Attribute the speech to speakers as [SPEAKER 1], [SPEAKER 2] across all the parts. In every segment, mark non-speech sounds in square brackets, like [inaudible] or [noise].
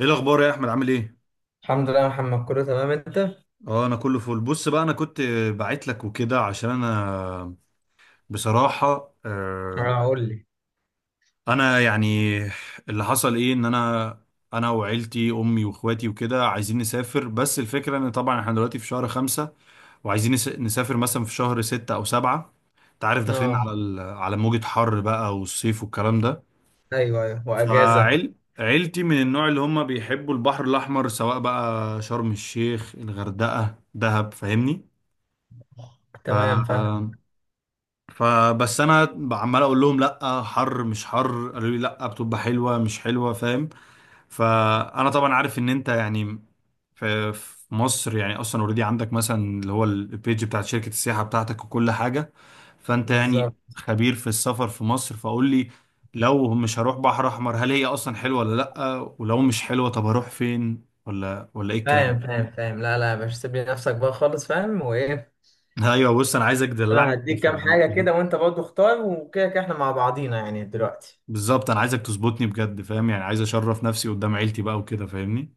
[SPEAKER 1] ايه الاخبار يا احمد عامل ايه؟
[SPEAKER 2] الحمد لله يا محمد، كله تمام. انت؟
[SPEAKER 1] اه انا كله فل. بص بقى، انا كنت بعت لك وكده عشان انا بصراحه
[SPEAKER 2] اه، قول لي.
[SPEAKER 1] انا يعني اللي حصل ايه، ان انا وعيلتي امي واخواتي وكده عايزين نسافر. بس الفكره ان طبعا احنا دلوقتي في شهر خمسة، وعايزين نسافر مثلا في شهر ستة او سبعة. انت عارف داخلين
[SPEAKER 2] اه،
[SPEAKER 1] على على موجه حر بقى والصيف والكلام ده.
[SPEAKER 2] ايوه ايوه، واجازه.
[SPEAKER 1] فعيل عيلتي من النوع اللي هم بيحبوا البحر الاحمر، سواء بقى شرم الشيخ، الغردقه، دهب، فاهمني. ف...
[SPEAKER 2] تمام، فاهم.
[SPEAKER 1] فبس انا عمال اقول لهم لا حر مش حر، قالوا لي لا بتبقى حلوه مش حلوه، فاهم. فانا طبعا عارف ان انت يعني في مصر يعني اصلا اوريدي عندك مثلا اللي هو البيج بتاعت شركه السياحه بتاعتك وكل حاجه. فانت يعني
[SPEAKER 2] بالظبط.
[SPEAKER 1] خبير في السفر في مصر، فقول لي لو مش هروح بحر احمر، هل هي اصلا حلوه ولا لا؟ ولو مش حلوه طب هروح فين؟ ولا ايه
[SPEAKER 2] فاهم
[SPEAKER 1] الكلام
[SPEAKER 2] فاهم
[SPEAKER 1] ده؟
[SPEAKER 2] فاهم، لا لا يا باشا، سيب لي نفسك بقى خالص. فاهم. وايه؟
[SPEAKER 1] ايوه بص، انا عايزك
[SPEAKER 2] انا
[SPEAKER 1] تدلعني في
[SPEAKER 2] هديك
[SPEAKER 1] الاخر
[SPEAKER 2] كام
[SPEAKER 1] يعني.
[SPEAKER 2] حاجه كده، وانت برضه اختار، وكده كده احنا مع بعضينا يعني دلوقتي.
[SPEAKER 1] بالظبط انا عايزك تظبطني بجد فاهم، يعني عايز اشرف نفسي قدام عيلتي بقى وكده فاهمني.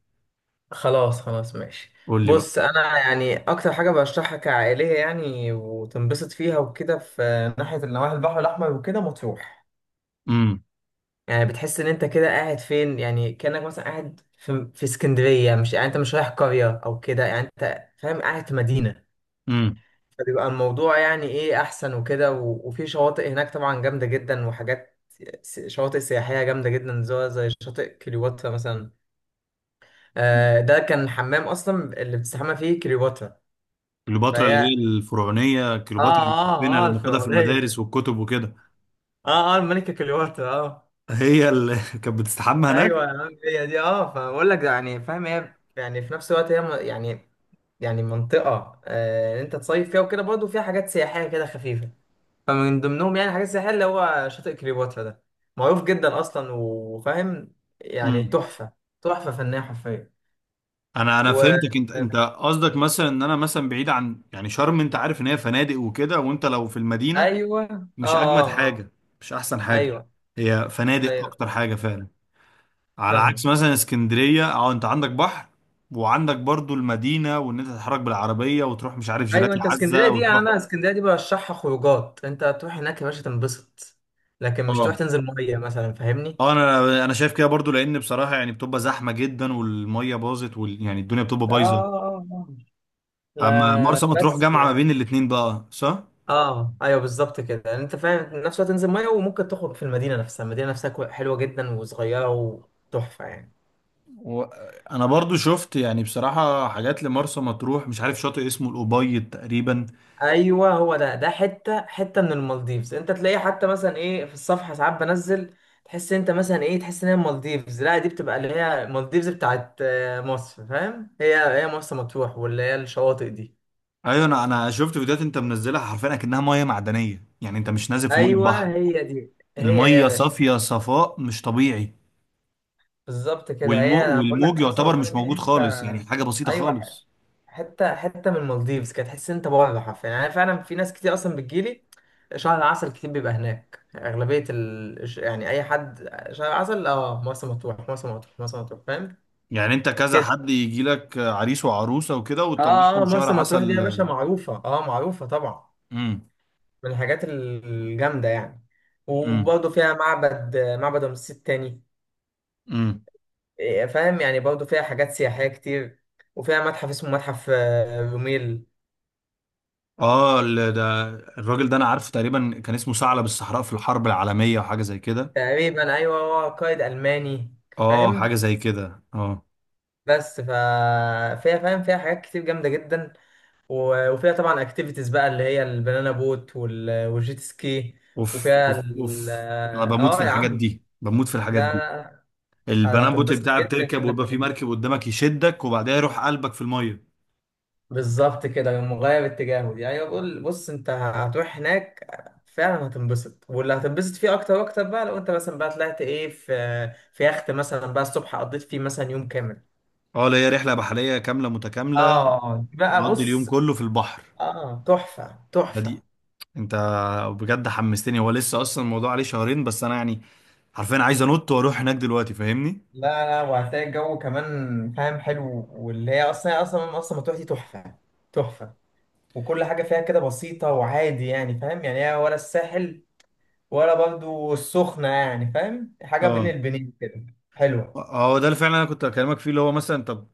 [SPEAKER 2] خلاص خلاص، ماشي.
[SPEAKER 1] قول لي بقى.
[SPEAKER 2] بص، انا يعني اكتر حاجه برشحها كعائليه يعني وتنبسط فيها وكده في ناحيه النواحي البحر الاحمر وكده، مطروح.
[SPEAKER 1] امم.
[SPEAKER 2] يعني بتحس ان انت كده قاعد فين، يعني كأنك مثلا قاعد في اسكندرية. مش يعني انت مش رايح قرية او كده، يعني انت فاهم قاعد في مدينة.
[SPEAKER 1] امم.
[SPEAKER 2] فبيبقى الموضوع يعني ايه احسن وكده وفي شواطئ هناك طبعا جامدة جدا وحاجات. شواطئ سياحية جامدة جدا، زي شاطئ كليوباترا مثلا. ده كان الحمام اصلا اللي بتستحمى فيه كليوباترا.
[SPEAKER 1] كليوباترا اللي
[SPEAKER 2] فهي،
[SPEAKER 1] هي الفرعونيه،
[SPEAKER 2] اه
[SPEAKER 1] كليوباترا اللي بنحبها
[SPEAKER 2] اه
[SPEAKER 1] لما
[SPEAKER 2] اه،
[SPEAKER 1] بناخدها في
[SPEAKER 2] الفرعونية.
[SPEAKER 1] المدارس والكتب وكده.
[SPEAKER 2] اه اه الملكة كليوباترا، اه.
[SPEAKER 1] هي اللي [laughs] كانت بتستحمى
[SPEAKER 2] ايوه
[SPEAKER 1] هناك.
[SPEAKER 2] يا عم هي دي، اه. فبقول لك يعني، فاهم، هي يعني في نفس الوقت هي يعني، يعني منطقة انت تصيف فيها وكده، برضه فيها حاجات سياحية كده خفيفة. فمن ضمنهم يعني حاجات سياحية اللي هو شاطئ كليوباترا ده، معروف جدا أصلا وفاهم. يعني
[SPEAKER 1] امم.
[SPEAKER 2] تحفة، تحفة فنية حرفيا.
[SPEAKER 1] انا
[SPEAKER 2] و
[SPEAKER 1] فهمتك، انت قصدك مثلا ان انا مثلا بعيد عن يعني شرم، انت عارف ان هي فنادق وكده، وانت لو في المدينه
[SPEAKER 2] أيوه، آه
[SPEAKER 1] مش
[SPEAKER 2] آه
[SPEAKER 1] اجمد
[SPEAKER 2] آه.
[SPEAKER 1] حاجه، مش احسن حاجه.
[SPEAKER 2] أيوه.
[SPEAKER 1] هي فنادق اكتر
[SPEAKER 2] أيوه،
[SPEAKER 1] حاجه فعلا. على عكس
[SPEAKER 2] فاهم.
[SPEAKER 1] مثلا اسكندرية، اه انت عندك بحر وعندك برضو المدينة، وان انت تتحرك بالعربية وتروح مش عارف
[SPEAKER 2] أيوه.
[SPEAKER 1] جيلاتي
[SPEAKER 2] أنت اسكندرية
[SPEAKER 1] عزة
[SPEAKER 2] دي يعني،
[SPEAKER 1] وتروح.
[SPEAKER 2] أنا اسكندرية دي برشحها خروجات. أنت تروح هناك يا باشا تنبسط، لكن مش تروح
[SPEAKER 1] اه
[SPEAKER 2] تنزل مية مثلا، فاهمني؟
[SPEAKER 1] اه، انا شايف كده برضو، لان بصراحة يعني بتبقى زحمة جدا، والمية باظت يعني الدنيا بتبقى
[SPEAKER 2] آه
[SPEAKER 1] بايظة.
[SPEAKER 2] آه آه.
[SPEAKER 1] اما
[SPEAKER 2] لا
[SPEAKER 1] مرسى مطروح
[SPEAKER 2] بس.
[SPEAKER 1] جامعة ما بين الاتنين بقى، صح؟
[SPEAKER 2] اه، ايوه، بالظبط كده يعني انت فاهم. في نفس الوقت تنزل ميه وممكن تخرج في المدينه نفسها. المدينه نفسها حلوه جدا وصغيره وتحفه يعني.
[SPEAKER 1] و... انا برضو شفت يعني بصراحة حاجات لمرسى مطروح، مش عارف شاطئ اسمه الأبيض تقريبا.
[SPEAKER 2] ايوه هو ده حته حته من المالديفز، انت تلاقيه. حتى مثلا ايه، في الصفحه ساعات بنزل، تحس انت مثلا ايه، تحس ان هي المالديفز. لا دي بتبقى اللي هي المالديفز بتاعت مصر، فاهم. هي مرسى مطروح، واللي هي الشواطئ دي.
[SPEAKER 1] ايوه، انا شفت فيديوهات انت منزلها حرفيا اكنها مية معدنية، يعني انت مش نازل في مية
[SPEAKER 2] ايوه
[SPEAKER 1] بحر.
[SPEAKER 2] هي دي، هي دي يا
[SPEAKER 1] المية
[SPEAKER 2] باشا.
[SPEAKER 1] صافية صفاء مش طبيعي.
[SPEAKER 2] بالظبط كده، هي انا بقول لك
[SPEAKER 1] والموج
[SPEAKER 2] مرسى
[SPEAKER 1] يعتبر
[SPEAKER 2] مطروح
[SPEAKER 1] مش
[SPEAKER 2] دي
[SPEAKER 1] موجود
[SPEAKER 2] حته.
[SPEAKER 1] خالص، يعني حاجة بسيطة
[SPEAKER 2] ايوه،
[SPEAKER 1] خالص.
[SPEAKER 2] حته حته من المالديفز. كانت تحس إن انت بره حرفيا يعني. أنا فعلا في ناس كتير اصلا بتجيلي شهر العسل، كتير بيبقى هناك اغلبيه يعني اي حد شهر العسل، اه، مرسى مطروح، مرسى مطروح، مرسى مطروح، فاهم
[SPEAKER 1] يعني انت كذا
[SPEAKER 2] كده.
[SPEAKER 1] حد يجي لك عريس وعروسة وكده
[SPEAKER 2] اه
[SPEAKER 1] وتطلعهم
[SPEAKER 2] اه،
[SPEAKER 1] شهر
[SPEAKER 2] مرسى مطروح دي يا
[SPEAKER 1] عسل.
[SPEAKER 2] باشا معروفه، اه، معروفه طبعا.
[SPEAKER 1] امم.
[SPEAKER 2] من الحاجات الجامده يعني.
[SPEAKER 1] امم.
[SPEAKER 2] وبرضه فيها معبد رمسيس التاني.
[SPEAKER 1] امم.
[SPEAKER 2] فاهم يعني برضه فيها حاجات سياحيه كتير. وفيها متحف اسمه متحف روميل.
[SPEAKER 1] اه ده. الراجل ده انا عارفه، تقريبا كان اسمه ثعلب الصحراء في الحرب العالمية وحاجة زي كده.
[SPEAKER 2] تقريبا، ايوه، هو قائد الماني.
[SPEAKER 1] اه حاجة
[SPEAKER 2] فاهم.
[SPEAKER 1] زي كده، اه.
[SPEAKER 2] بس. فيها، فاهم، فيها حاجات كتير جامده جدا. وفيها طبعا اكتيفيتيز بقى اللي هي البنانا بوت والجيت سكي.
[SPEAKER 1] اوف
[SPEAKER 2] وفيها
[SPEAKER 1] اوف
[SPEAKER 2] ال...
[SPEAKER 1] اوف، انا بموت
[SPEAKER 2] اه
[SPEAKER 1] في
[SPEAKER 2] يا
[SPEAKER 1] الحاجات
[SPEAKER 2] عم.
[SPEAKER 1] دي، بموت في الحاجات
[SPEAKER 2] لا.
[SPEAKER 1] دي.
[SPEAKER 2] لا. لا،
[SPEAKER 1] البنان بوت
[SPEAKER 2] هتنبسط
[SPEAKER 1] بتاعها
[SPEAKER 2] جدا
[SPEAKER 1] بتركب
[SPEAKER 2] جدا
[SPEAKER 1] ويبقى في
[SPEAKER 2] هناك.
[SPEAKER 1] مركب قدامك يشدك وبعدها يروح قلبك في المية.
[SPEAKER 2] بالظبط كده، مغاير اتجاهه دي. ايوه بقول بص، انت هتروح هناك فعلا هتنبسط، واللي هتنبسط فيه اكتر واكتر بقى لو انت مثلا بقى طلعت ايه في يخت مثلا بقى الصبح قضيت فيه مثلا يوم كامل.
[SPEAKER 1] اه، اللي هي رحلة بحرية كاملة متكاملة.
[SPEAKER 2] اه دي بقى
[SPEAKER 1] اقضي اليوم
[SPEAKER 2] بص.
[SPEAKER 1] كله في البحر.
[SPEAKER 2] اه، تحفه
[SPEAKER 1] ده
[SPEAKER 2] تحفه.
[SPEAKER 1] دي انت بجد حمستني، هو لسه اصلا الموضوع عليه شهرين، بس انا يعني حرفيا عايز انط واروح هناك دلوقتي فاهمني.
[SPEAKER 2] لا لا، وهتلاقي الجو كمان فاهم حلو، واللي هي اصلا اصلا اصلا مطروح دي تحفه، تحفه. وكل حاجه فيها كده بسيطه وعادي يعني، فاهم، يعني هي ولا الساحل ولا برضو السخنه، يعني فاهم، حاجه بين
[SPEAKER 1] اه
[SPEAKER 2] البنين كده حلوه.
[SPEAKER 1] اه، ده اللي فعلا انا كنت بكلمك فيه، اللي هو مثلا طب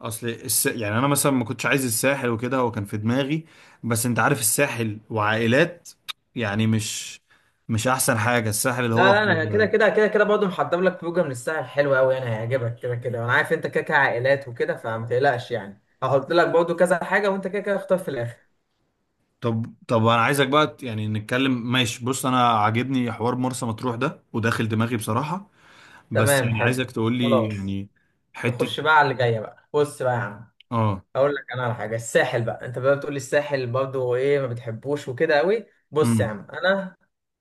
[SPEAKER 1] يعني انا مثلا ما كنتش عايز الساحل وكده، هو كان في دماغي. بس انت عارف الساحل وعائلات، يعني مش احسن حاجة الساحل اللي
[SPEAKER 2] لا
[SPEAKER 1] هو.
[SPEAKER 2] لا، انا كده كده كده كده برضه محضر لك فوجة من الساحل حلوه قوي، يعني هيعجبك كده كده. وانا عارف انت كده كده عائلات وكده، فما تقلقش يعني. هحط لك برضه كذا حاجه وانت كده كده اختار في الاخر.
[SPEAKER 1] طب طب، انا عايزك بقى يعني نتكلم. ماشي. بص انا عاجبني حوار مرسى مطروح ده، وداخل دماغي بصراحة. بس
[SPEAKER 2] تمام،
[SPEAKER 1] يعني
[SPEAKER 2] حلو.
[SPEAKER 1] عايزك تقول لي
[SPEAKER 2] خلاص.
[SPEAKER 1] يعني حتة.
[SPEAKER 2] نخش بقى على اللي جايه بقى. بص بقى يا عم،
[SPEAKER 1] اه.
[SPEAKER 2] اقول لك انا على حاجه الساحل بقى. انت بقى بتقول لي الساحل برضه ايه، ما بتحبوش وكده قوي. بص يا
[SPEAKER 1] امم.
[SPEAKER 2] عم، انا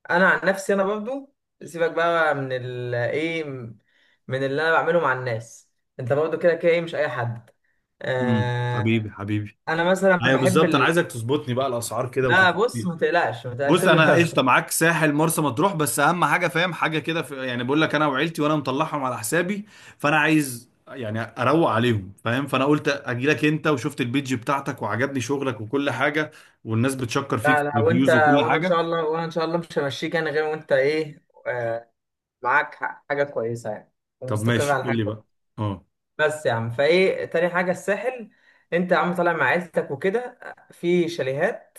[SPEAKER 2] انا عن نفسي انا برضه، سيبك بقى من ال ايه، من اللي انا بعمله مع الناس. انت برضه كده كده ايه، مش اي حد.
[SPEAKER 1] امم. حبيبي
[SPEAKER 2] آه
[SPEAKER 1] حبيبي.
[SPEAKER 2] انا مثلا
[SPEAKER 1] ايوه
[SPEAKER 2] بحب
[SPEAKER 1] بالظبط، انا عايزك تظبطني بقى الاسعار كده
[SPEAKER 2] لا بص،
[SPEAKER 1] وتظبطني.
[SPEAKER 2] ما تقلقش، ما تقلقش،
[SPEAKER 1] بص
[SPEAKER 2] سيب
[SPEAKER 1] انا
[SPEAKER 2] لنفسك.
[SPEAKER 1] قشطه معاك، ساحل مرسى مطروح. بس اهم حاجه فاهم حاجه كده يعني بقول لك، انا وعيلتي وانا مطلعهم على حسابي، فانا عايز يعني اروق عليهم فاهم. فانا قلت اجي لك انت، وشفت البيج بتاعتك وعجبني شغلك وكل حاجه، والناس بتشكر فيك في
[SPEAKER 2] لا لا، وانت
[SPEAKER 1] الريفيوز وكل
[SPEAKER 2] وانا ان
[SPEAKER 1] حاجه.
[SPEAKER 2] شاء الله، وانا ان شاء الله مش همشيك انا غير وانت ايه. معاك حاجه كويسه يعني،
[SPEAKER 1] طب
[SPEAKER 2] ومستقر
[SPEAKER 1] ماشي
[SPEAKER 2] على
[SPEAKER 1] قول
[SPEAKER 2] حاجه.
[SPEAKER 1] لي بقى. اه،
[SPEAKER 2] بس يا عم، فايه تاني حاجه الساحل. انت يا عم طالع مع عيلتك وكده، في شاليهات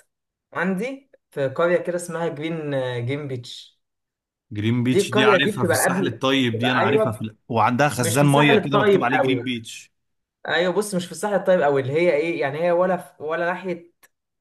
[SPEAKER 2] عندي في قريه كده اسمها جرين جيم بيتش.
[SPEAKER 1] جرين
[SPEAKER 2] دي
[SPEAKER 1] بيتش دي
[SPEAKER 2] القريه دي
[SPEAKER 1] عارفها، في
[SPEAKER 2] بتبقى
[SPEAKER 1] الساحل
[SPEAKER 2] قبل،
[SPEAKER 1] الطيب دي،
[SPEAKER 2] بتبقى
[SPEAKER 1] انا عارفها في
[SPEAKER 2] ايوه
[SPEAKER 1] وعندها
[SPEAKER 2] مش في
[SPEAKER 1] خزان ميه
[SPEAKER 2] الساحل
[SPEAKER 1] كده مكتوب
[SPEAKER 2] الطيب
[SPEAKER 1] عليه جرين
[SPEAKER 2] قوي.
[SPEAKER 1] بيتش.
[SPEAKER 2] ايوه بص، مش في الصح الطيب، او اللي هي ايه يعني، هي ولا في ولا ناحيه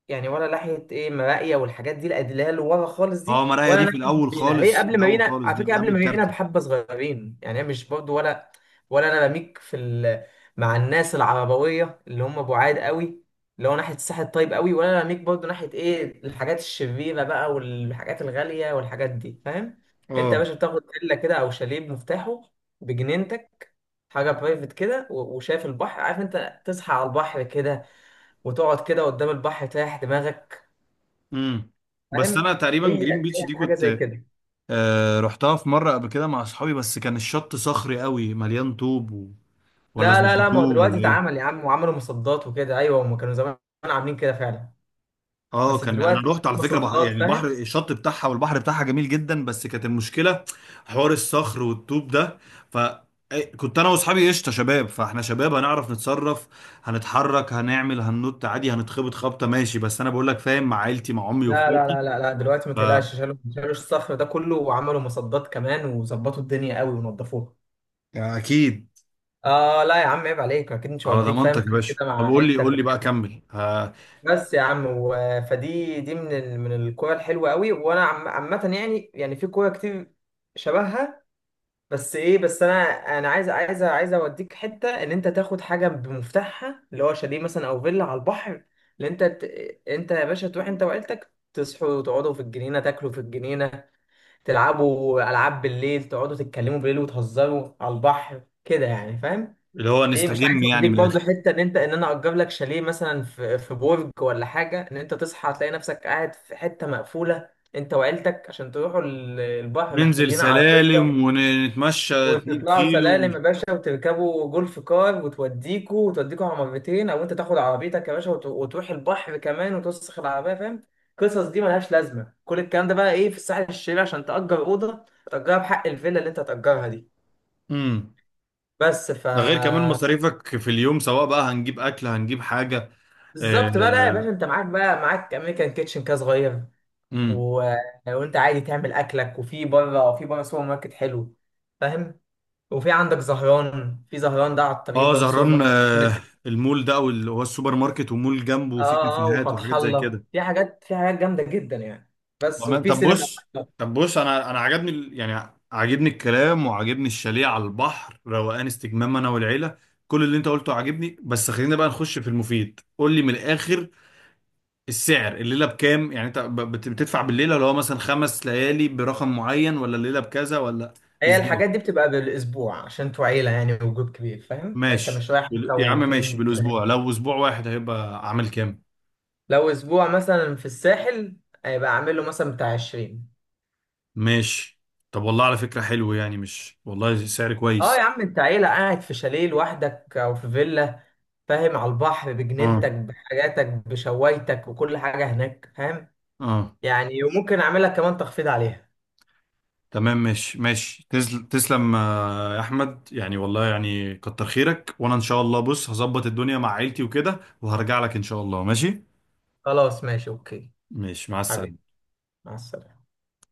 [SPEAKER 2] يعني، ولا ناحيه ايه مراقيه والحاجات دي الادلال ورا خالص
[SPEAKER 1] اه
[SPEAKER 2] دي،
[SPEAKER 1] مرايا
[SPEAKER 2] ولا
[SPEAKER 1] دي في
[SPEAKER 2] ناحيه
[SPEAKER 1] الاول
[SPEAKER 2] مارينا. هي
[SPEAKER 1] خالص، في
[SPEAKER 2] قبل
[SPEAKER 1] الاول
[SPEAKER 2] مارينا،
[SPEAKER 1] خالص،
[SPEAKER 2] على فكره
[SPEAKER 1] دي قبل
[SPEAKER 2] قبل مارينا
[SPEAKER 1] الكارته.
[SPEAKER 2] بحبه صغيرين، يعني هي مش برضو ولا. ولا انا بميك في مع الناس العربويه اللي هم بعاد قوي، اللي هو ناحيه الساحل الطيب قوي. ولا انا بميك برضو ناحيه ايه الحاجات الشريره بقى والحاجات الغاليه والحاجات دي، فاهم. انت يا
[SPEAKER 1] اه.
[SPEAKER 2] باشا بتاخد فيلا كده او شاليه بمفتاحه، بجنينتك، حاجه برايفت كده. وشايف البحر، عارف، انت تصحى على البحر كده، وتقعد كده قدام البحر تريح دماغك،
[SPEAKER 1] امم. بس
[SPEAKER 2] فاهم.
[SPEAKER 1] انا تقريبا
[SPEAKER 2] هي
[SPEAKER 1] جرين بيتش
[SPEAKER 2] هي
[SPEAKER 1] دي
[SPEAKER 2] حاجه زي
[SPEAKER 1] كنت
[SPEAKER 2] كده.
[SPEAKER 1] آه رحتها في مرة قبل كده مع أصحابي، بس كان الشط صخري قوي مليان طوب ولا
[SPEAKER 2] لا لا لا، ما هو
[SPEAKER 1] ظبطوه
[SPEAKER 2] دلوقتي
[SPEAKER 1] ولا إيه؟
[SPEAKER 2] اتعمل يا عم، وعملوا مصدات وكده. ايوه هم كانوا زمان عاملين كده فعلا،
[SPEAKER 1] اه،
[SPEAKER 2] بس
[SPEAKER 1] كان انا
[SPEAKER 2] دلوقتي بقى
[SPEAKER 1] رحت
[SPEAKER 2] في
[SPEAKER 1] على فكره
[SPEAKER 2] مصدات،
[SPEAKER 1] يعني البحر
[SPEAKER 2] فاهم.
[SPEAKER 1] الشط بتاعها والبحر بتاعها جميل جدا، بس كانت المشكله حوار الصخر والطوب ده. ف كنت انا واصحابي قشطه شباب، فاحنا شباب هنعرف نتصرف، هنتحرك هنعمل هننط عادي هنتخبط خبطه ماشي. بس انا بقول لك فاهم، مع عيلتي مع امي
[SPEAKER 2] لا لا
[SPEAKER 1] واخواتي.
[SPEAKER 2] لا لا لا، دلوقتي ما
[SPEAKER 1] ف
[SPEAKER 2] تقلقش. شالوا الصخر ده كله، وعملوا مصدات كمان، وظبطوا الدنيا قوي ونضفوها.
[SPEAKER 1] اكيد.
[SPEAKER 2] اه لا يا عم، عيب عليك، اكيد مش
[SPEAKER 1] على
[SPEAKER 2] هوديك فاهم
[SPEAKER 1] ضمانتك يا
[SPEAKER 2] حاجه
[SPEAKER 1] باشا.
[SPEAKER 2] كده
[SPEAKER 1] طب
[SPEAKER 2] مع
[SPEAKER 1] قول لي،
[SPEAKER 2] عيلتك
[SPEAKER 1] قول لي بقى
[SPEAKER 2] وكده.
[SPEAKER 1] كمل
[SPEAKER 2] بس يا عم، فدي دي من من الكوره الحلوه قوي، وانا عامه يعني في كوره كتير شبهها. بس ايه، بس انا انا عايز اوديك حته ان انت تاخد حاجه بمفتاحها، اللي هو شاليه مثلا او فيلا على البحر. اللي انت ت... انت يا باشا تروح انت وعيلتك، تصحوا وتقعدوا في الجنينه، تاكلوا في الجنينه، تلعبوا العاب بالليل، تقعدوا تتكلموا بالليل وتهزروا على البحر كده يعني، فاهم.
[SPEAKER 1] اللي هو
[SPEAKER 2] ايه، مش عايز
[SPEAKER 1] نستجم يعني
[SPEAKER 2] اوديك
[SPEAKER 1] من الاخر.
[SPEAKER 2] برضه حته ان انا اجر لك شاليه مثلا في برج ولا حاجه، ان انت تصحى تلاقي نفسك قاعد في حته مقفوله انت وعيلتك، عشان تروحوا البحر
[SPEAKER 1] ننزل
[SPEAKER 2] محتاجين عربيه،
[SPEAKER 1] سلالم ونتمشى 2
[SPEAKER 2] وتطلعوا
[SPEAKER 1] كيلو.
[SPEAKER 2] سلالم يا باشا، وتركبوا جولف كار، وتوديكوا على مرتين، او انت تاخد عربيتك يا باشا وتروح البحر كمان، وتوسخ العربيه، فاهم. القصص دي ملهاش لازمه، كل الكلام ده بقى ايه في الساحل الشرير عشان تأجر اوضه تأجرها بحق الفيلا اللي انت هتأجرها دي.
[SPEAKER 1] امم.
[SPEAKER 2] بس.
[SPEAKER 1] ده غير كمان مصاريفك في اليوم، سواء بقى هنجيب اكل هنجيب حاجه.
[SPEAKER 2] بالظبط بقى. لا يا باشا،
[SPEAKER 1] اه.
[SPEAKER 2] انت معاك امريكان كيتشن كده صغير،
[SPEAKER 1] امم.
[SPEAKER 2] و... وانت عادي تعمل اكلك، وفي بره في بره سوبر ماركت حلو، فاهم. وفي عندك زهران، في زهران ده على الطريق
[SPEAKER 1] اه
[SPEAKER 2] برضه سوبر
[SPEAKER 1] زهران
[SPEAKER 2] ماركت
[SPEAKER 1] آه.
[SPEAKER 2] جامد.
[SPEAKER 1] المول ده او اللي هو السوبر ماركت ومول جنبه فيه
[SPEAKER 2] اه اه،
[SPEAKER 1] كافيهات
[SPEAKER 2] وفتح
[SPEAKER 1] وحاجات زي
[SPEAKER 2] الله
[SPEAKER 1] كده.
[SPEAKER 2] في حاجات جامده جدا يعني. بس
[SPEAKER 1] تمام
[SPEAKER 2] وفي
[SPEAKER 1] طب
[SPEAKER 2] سينما
[SPEAKER 1] بص.
[SPEAKER 2] برضه.
[SPEAKER 1] طب بص، انا عجبني يعني عجبني الكلام وعجبني الشاليه على البحر، روقان استجمام انا والعيله. كل اللي انت قلته عجبني. بس خلينا بقى نخش في المفيد، قول لي من الاخر، السعر الليله بكام؟ يعني انت بتدفع بالليله، اللي هو مثلا خمس ليالي برقم معين، ولا الليله بكذا، ولا
[SPEAKER 2] هي
[SPEAKER 1] ازاي؟
[SPEAKER 2] الحاجات دي بتبقى بالاسبوع، عشان انتوا عيله يعني وجروب كبير، فاهم يعني، انت
[SPEAKER 1] ماشي
[SPEAKER 2] مش رايح انت
[SPEAKER 1] يا عم ماشي
[SPEAKER 2] واتنين
[SPEAKER 1] بالاسبوع،
[SPEAKER 2] تلاته.
[SPEAKER 1] لو اسبوع واحد هيبقى عامل كام؟
[SPEAKER 2] لو اسبوع مثلا في الساحل، هيبقى عامل له مثلا بتاع 20.
[SPEAKER 1] ماشي. طب والله على فكره حلو، يعني مش والله سعر
[SPEAKER 2] اه يا
[SPEAKER 1] كويس.
[SPEAKER 2] عم، انت عيلة قاعد في شاليه لوحدك او في فيلا، فاهم، على البحر،
[SPEAKER 1] اه.
[SPEAKER 2] بجنينتك، بحاجاتك، بشوايتك وكل حاجة هناك، فاهم
[SPEAKER 1] اه.
[SPEAKER 2] يعني. وممكن اعملها كمان تخفيض عليها.
[SPEAKER 1] تمام ماشي ماشي، تسلم يا احمد، يعني والله يعني كتر خيرك. وانا ان شاء الله بص هظبط الدنيا مع عيلتي وكده، وهرجع لك ان شاء الله ماشي.
[SPEAKER 2] خلاص ماشي، اوكي.
[SPEAKER 1] ماشي مع
[SPEAKER 2] حبيبي،
[SPEAKER 1] السلامه.
[SPEAKER 2] مع السلامة.